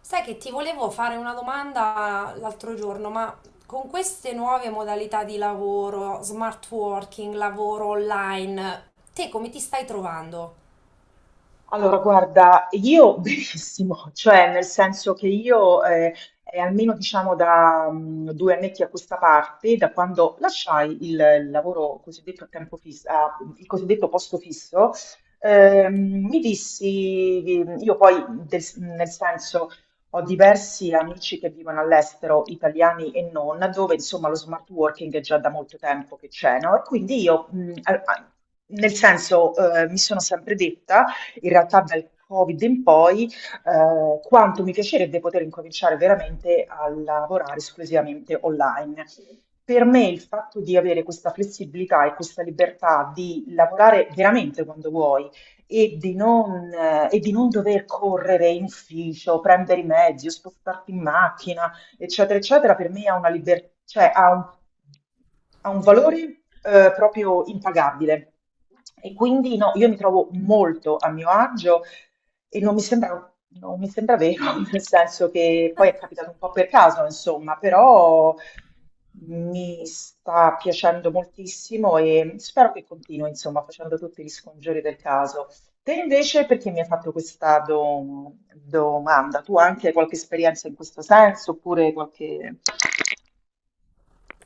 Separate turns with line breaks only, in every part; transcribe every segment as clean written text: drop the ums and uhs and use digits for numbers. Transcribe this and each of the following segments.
Sai che ti volevo fare una domanda l'altro giorno, ma con queste nuove modalità di lavoro, smart working, lavoro online, te come ti stai trovando?
Allora, guarda, io benissimo, cioè nel senso che io è almeno diciamo da 2 annetti a questa parte, da quando lasciai il lavoro cosiddetto a tempo fisso, il cosiddetto posto fisso, mi dissi, io poi nel senso ho diversi amici che vivono all'estero, italiani e non, dove insomma lo smart working è già da molto tempo che c'è, no? E quindi io, nel senso, mi sono sempre detta in realtà dal Covid in poi, quanto mi piacerebbe poter incominciare veramente a lavorare esclusivamente online. Per me il fatto di avere questa flessibilità e questa libertà di lavorare veramente quando vuoi e di non dover correre in ufficio, prendere i mezzi, o spostarti in macchina, eccetera, eccetera, per me cioè ha un valore, proprio impagabile. E quindi no, io mi trovo molto a mio agio e non mi sembra vero, nel senso che poi è capitato un po' per caso, insomma, però mi sta piacendo moltissimo e spero che continui, insomma, facendo tutti gli scongiuri del caso. Te invece, perché mi hai fatto questa domanda? Tu anche hai qualche esperienza in questo senso, oppure qualche?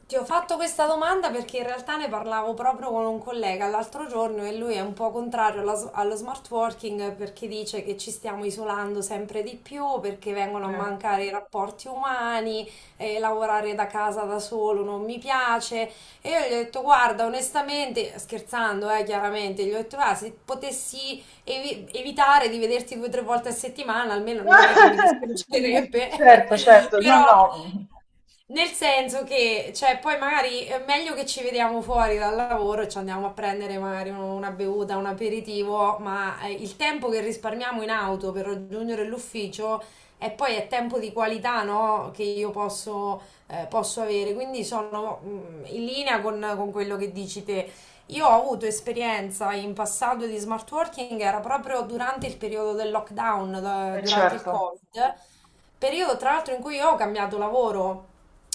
Ti ho fatto questa domanda perché in realtà ne parlavo proprio con un collega l'altro giorno e lui è un po' contrario allo smart working perché dice che ci stiamo isolando sempre di più, perché vengono a
Eh.
mancare i rapporti umani. Lavorare da casa da solo non mi piace. E io gli ho detto, guarda, onestamente, scherzando, chiaramente, gli ho detto, "Ah, se potessi evitare di vederti due o tre volte a settimana, almeno non è che mi dispiacerebbe."
Certo, certo, no,
Però
no,
nel senso che, cioè, poi magari è meglio che ci vediamo fuori dal lavoro e ci andiamo a prendere magari una bevuta, un aperitivo, ma il tempo che risparmiamo in auto per raggiungere l'ufficio è poi è tempo di qualità, no? Che io posso avere, quindi sono in linea con quello che dici te. Io ho avuto esperienza in passato di smart working, era proprio durante il periodo del lockdown, durante il
certo.
Covid, periodo tra l'altro in cui io ho cambiato lavoro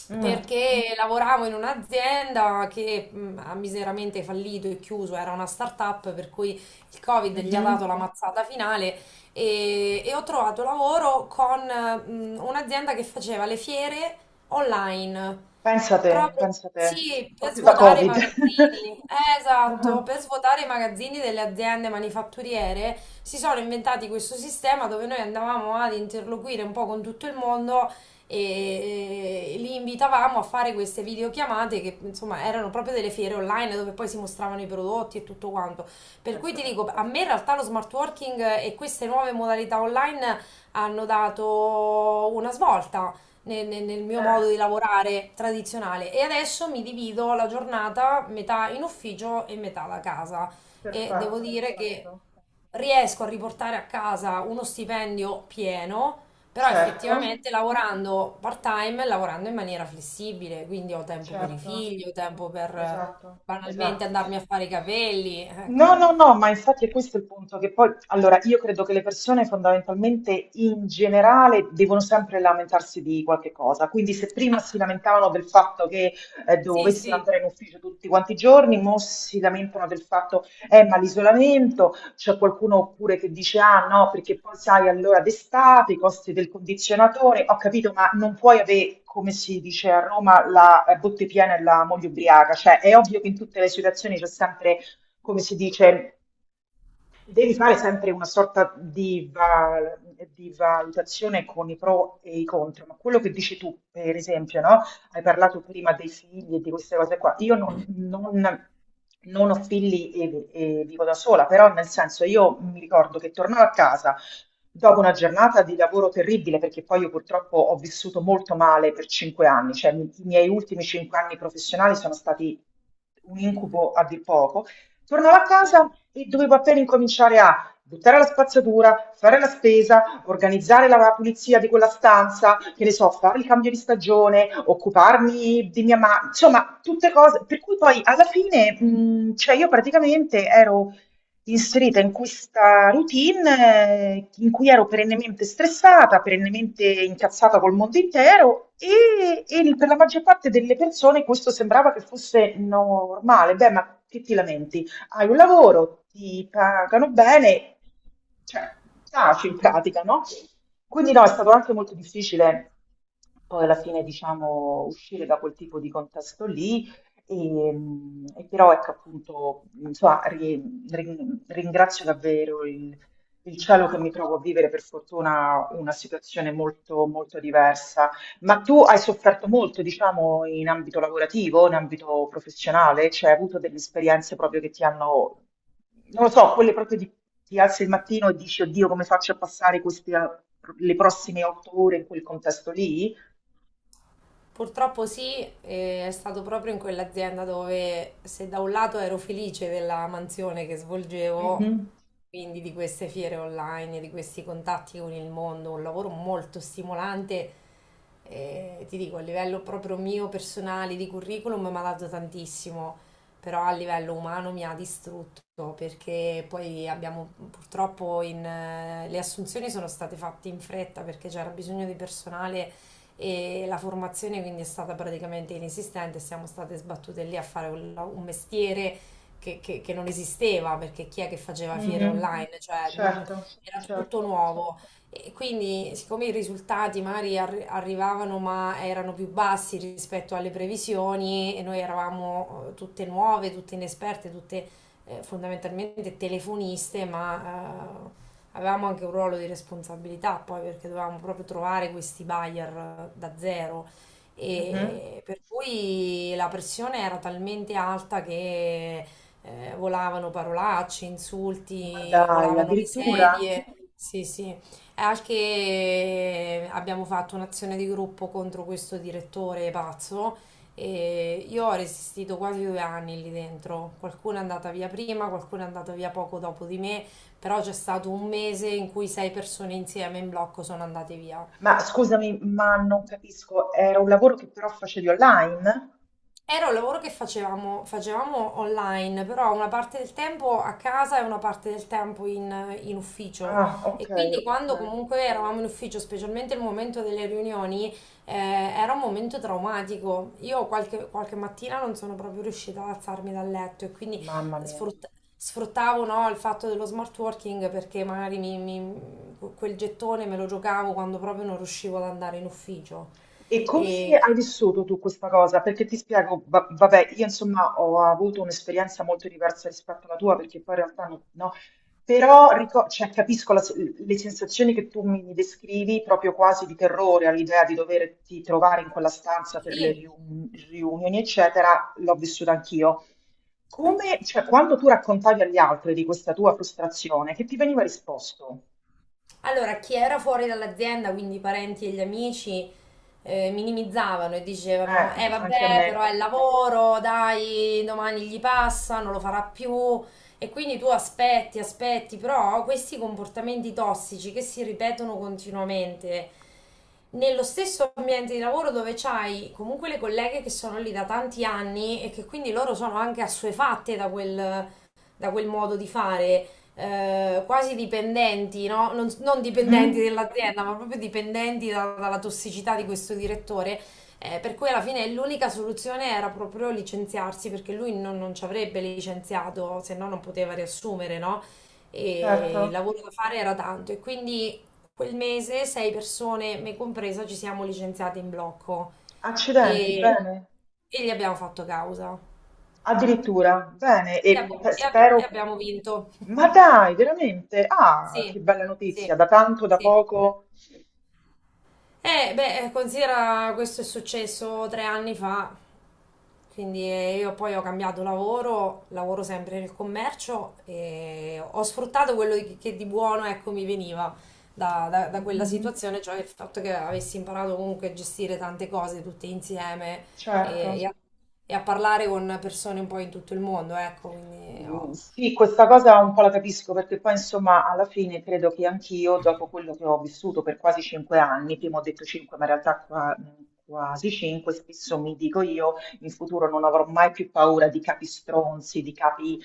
Mm.
perché lavoravo in un'azienda che ha miseramente fallito e chiuso, era una startup per cui il Covid gli ha dato
Mhm.
la mazzata finale e ho trovato lavoro con un'azienda che faceva le fiere online, proprio
Pensa te,
sì, per
proprio da
svuotare i
Covid.
magazzini. Esatto,
Ah,
per svuotare i magazzini delle aziende manifatturiere si sono inventati questo sistema dove noi andavamo ad interloquire un po' con tutto il mondo e li invitavamo a fare queste videochiamate che insomma erano proprio delle fiere online dove poi si mostravano i prodotti e tutto quanto. Per cui
pensa
ti
te.
dico, a me in realtà lo smart working e queste nuove modalità online hanno dato una svolta nel mio
Eh,
modo di lavorare tradizionale e adesso mi divido la giornata metà in ufficio e metà da casa e devo
perfetto,
dire che
perfetto.
riesco a riportare a casa uno stipendio pieno, però
Certo,
effettivamente lavorando part-time, lavorando in maniera flessibile, quindi ho tempo per i
certo,
figli, ho tempo per
esatto,
banalmente
esatto.
andarmi a fare i capelli,
No,
ecco.
no, no, ma infatti è questo, è il punto, che poi, allora, io credo che le persone fondamentalmente in generale devono sempre lamentarsi di qualche cosa, quindi se prima si
Ah,
lamentavano del fatto che
sì,
dovessero
sì.
andare in ufficio tutti quanti i giorni, mo si lamentano del fatto, ma l'isolamento, c'è qualcuno oppure che dice, ah no, perché poi sai, allora d'estate, i costi del condizionatore, ho capito, ma non puoi avere, come si dice a Roma, la botte piena e la moglie ubriaca, cioè è ovvio che in tutte le situazioni c'è sempre, come si dice, devi fare sempre una sorta di, di valutazione con i pro e i contro, ma quello che dici tu, per esempio, no? Hai parlato prima dei figli e di queste cose qua. Io non ho figli e, e vivo da sola, però nel senso io mi ricordo che tornavo a casa dopo una giornata di lavoro terribile, perché poi io purtroppo ho vissuto molto male per 5 anni, cioè i miei ultimi cinque anni professionali sono stati un incubo a dir poco. Tornavo a casa e dovevo appena incominciare a buttare la spazzatura, fare la spesa, organizzare la pulizia di quella stanza, che ne so, fare il cambio di stagione, occuparmi di mia mamma, insomma, tutte cose. Per cui poi alla fine, cioè io praticamente ero inserita in questa routine in cui ero perennemente stressata, perennemente incazzata col mondo intero per la maggior parte delle persone questo sembrava che fosse normale. Beh, ma che ti lamenti? Hai un lavoro, ti pagano bene, cioè taci in pratica, no? Quindi no, è stato anche molto difficile poi alla fine, diciamo, uscire da quel tipo di contesto lì. E, e però ecco appunto, insomma, ringrazio davvero il cielo che mi trovo a vivere per fortuna una situazione molto, molto diversa, ma tu hai sofferto molto, diciamo, in ambito lavorativo, in ambito professionale? Cioè, hai avuto delle esperienze proprio che ti hanno, non lo so, quelle proprio di ti alzi il mattino e dici, oddio, come faccio a passare queste, le prossime 8 ore in quel contesto lì?
Purtroppo sì, e è stato proprio in quell'azienda dove se da un lato ero felice della mansione che svolgevo,
Mhm,
quindi di queste fiere online, di questi contatti con il mondo, un lavoro molto stimolante, ti dico, a livello proprio mio personale di curriculum mi ha dato tantissimo, però a livello umano mi ha distrutto perché poi abbiamo purtroppo le assunzioni sono state fatte in fretta perché c'era bisogno di personale e la formazione quindi è stata praticamente inesistente, siamo state sbattute lì a fare un mestiere che non esisteva, perché chi è che faceva fiere
mhm.
online? Cioè,
Certo,
era tutto
certo.
nuovo. E quindi, siccome i risultati magari arrivavano, ma erano più bassi rispetto alle previsioni, e noi eravamo tutte nuove, tutte inesperte, tutte fondamentalmente telefoniste, ma avevamo anche un ruolo di responsabilità poi, perché dovevamo proprio trovare questi buyer da zero.
Mhm.
E per cui la pressione era talmente alta che volavano parolacce,
Ma
insulti,
dai,
volavano le
addirittura?
sedie. Sì, sì. E anche abbiamo fatto un'azione di gruppo contro questo direttore pazzo e io ho resistito quasi 2 anni lì dentro. Qualcuno è andata via prima, qualcuno è andato via poco dopo di me, però c'è stato un mese in cui sei persone insieme in blocco sono andate via.
Ma scusami, ma non capisco, era un lavoro che però facevi online?
Era un lavoro che facevamo online, però una parte del tempo a casa e una parte del tempo in ufficio.
Ah, ok,
E quindi
ok.
quando comunque eravamo in ufficio, specialmente il momento delle riunioni, era un momento traumatico. Io qualche mattina non sono proprio riuscita ad alzarmi dal letto e quindi
Mamma mia.
sfrutta- sfruttavo, no, il fatto dello smart working perché magari quel gettone me lo giocavo quando proprio non riuscivo ad andare in ufficio.
E come
E
hai vissuto tu questa cosa? Perché ti spiego, vabbè, io insomma ho avuto un'esperienza molto diversa rispetto alla tua, perché poi in realtà no, no. Però cioè, capisco la le sensazioni che tu mi descrivi, proprio quasi di terrore all'idea di doverti trovare in quella stanza per le
sì.
riunioni, eccetera, l'ho vissuta anch'io. Come, cioè, quando tu raccontavi agli altri di questa tua frustrazione, che ti veniva risposto?
Allora, chi era fuori dall'azienda, quindi i parenti e gli amici, minimizzavano e dicevano: "Eh,
Anche a
vabbè, però
me.
è il lavoro, dai, domani gli passa, non lo farà più." E quindi tu aspetti, aspetti, però questi comportamenti tossici che si ripetono continuamente nello stesso ambiente di lavoro dove c'hai comunque le colleghe che sono lì da tanti anni e che quindi loro sono anche assuefatte da quel modo di fare quasi dipendenti, no? Non dipendenti
Mhm,
dell'azienda, ma proprio dipendenti dalla tossicità di questo direttore. Per cui alla fine l'unica soluzione era proprio licenziarsi, perché lui non ci avrebbe licenziato, se no non poteva riassumere, no? E il
certo.
lavoro da fare era tanto. E quindi quel mese sei persone, me compresa, ci siamo licenziate in blocco
Accidenti,
e,
bene?
e gli abbiamo fatto causa.
Addirittura, bene,
E
e
abbiamo, e abbi- e
spero.
abbiamo vinto.
Ma dai, veramente? Ah,
Sì,
che bella
sì,
notizia, da tanto, da
sì.
poco.
Beh, considera questo è successo 3 anni fa, quindi io poi ho cambiato lavoro, lavoro sempre nel commercio e ho sfruttato quello che di buono, ecco, mi veniva da quella
Mhm,
situazione, cioè il fatto che avessi imparato comunque a gestire tante cose tutte insieme e, e
certo.
a, e a parlare con persone un po' in tutto il mondo, ecco, quindi
Mm, sì, questa cosa un po' la capisco perché poi insomma alla fine credo che anch'io, dopo quello che ho vissuto per quasi 5 anni, prima ho detto cinque, ma in realtà quasi cinque, spesso mi dico io, in futuro non avrò mai più paura di capi stronzi, di capi,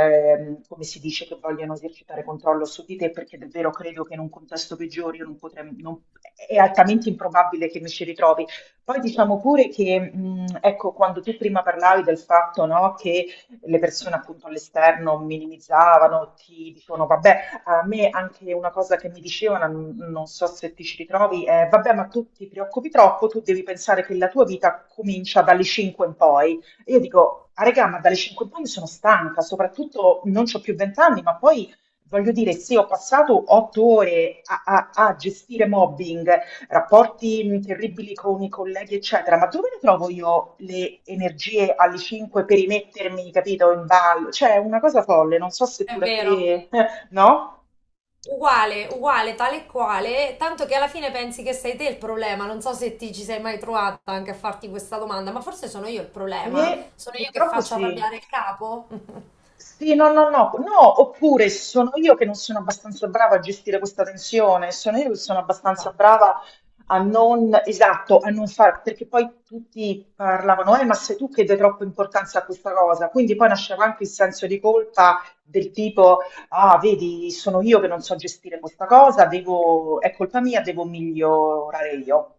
come si dice, che vogliono esercitare controllo su di te, perché davvero credo che in un contesto peggiore io non potrei, è altamente improbabile che mi ci ritrovi. Poi diciamo pure che, ecco, quando tu prima parlavi del fatto, no, che le persone appunto all'esterno minimizzavano, ti dicevano vabbè, a me anche una cosa che mi dicevano, non so se ti ci ritrovi, è vabbè, ma tu ti preoccupi troppo, tu devi pensare che la tua vita comincia dalle 5 in poi. E io dico, ah regà, ma dalle 5 in poi mi sono stanca, soprattutto non ho più 20 anni, ma poi voglio dire, sì, ho passato 8 ore a, a gestire mobbing rapporti terribili con i colleghi, eccetera, ma dove ne trovo io le energie alle 5 per rimettermi, capito, in ballo? Cioè, è una cosa folle, non so se
è
pure a
vero,
te, no?
uguale, uguale, tale e quale, tanto che alla fine pensi che sei te il problema. Non so se ti ci sei mai trovata anche a farti questa domanda, ma forse sono io il problema.
E
Sono io che
purtroppo
faccio
sì.
arrabbiare il capo?
Sì, no, no, no, no, oppure sono io che non sono abbastanza brava a gestire questa tensione, sono io che sono abbastanza
Esatto.
brava a non, esatto, a non far, perché poi tutti parlavano, ma sei tu che dai troppa importanza a questa cosa, quindi poi nasceva anche il senso di colpa del tipo, ah, vedi, sono io che non so gestire questa cosa, devo, è colpa mia, devo migliorare io.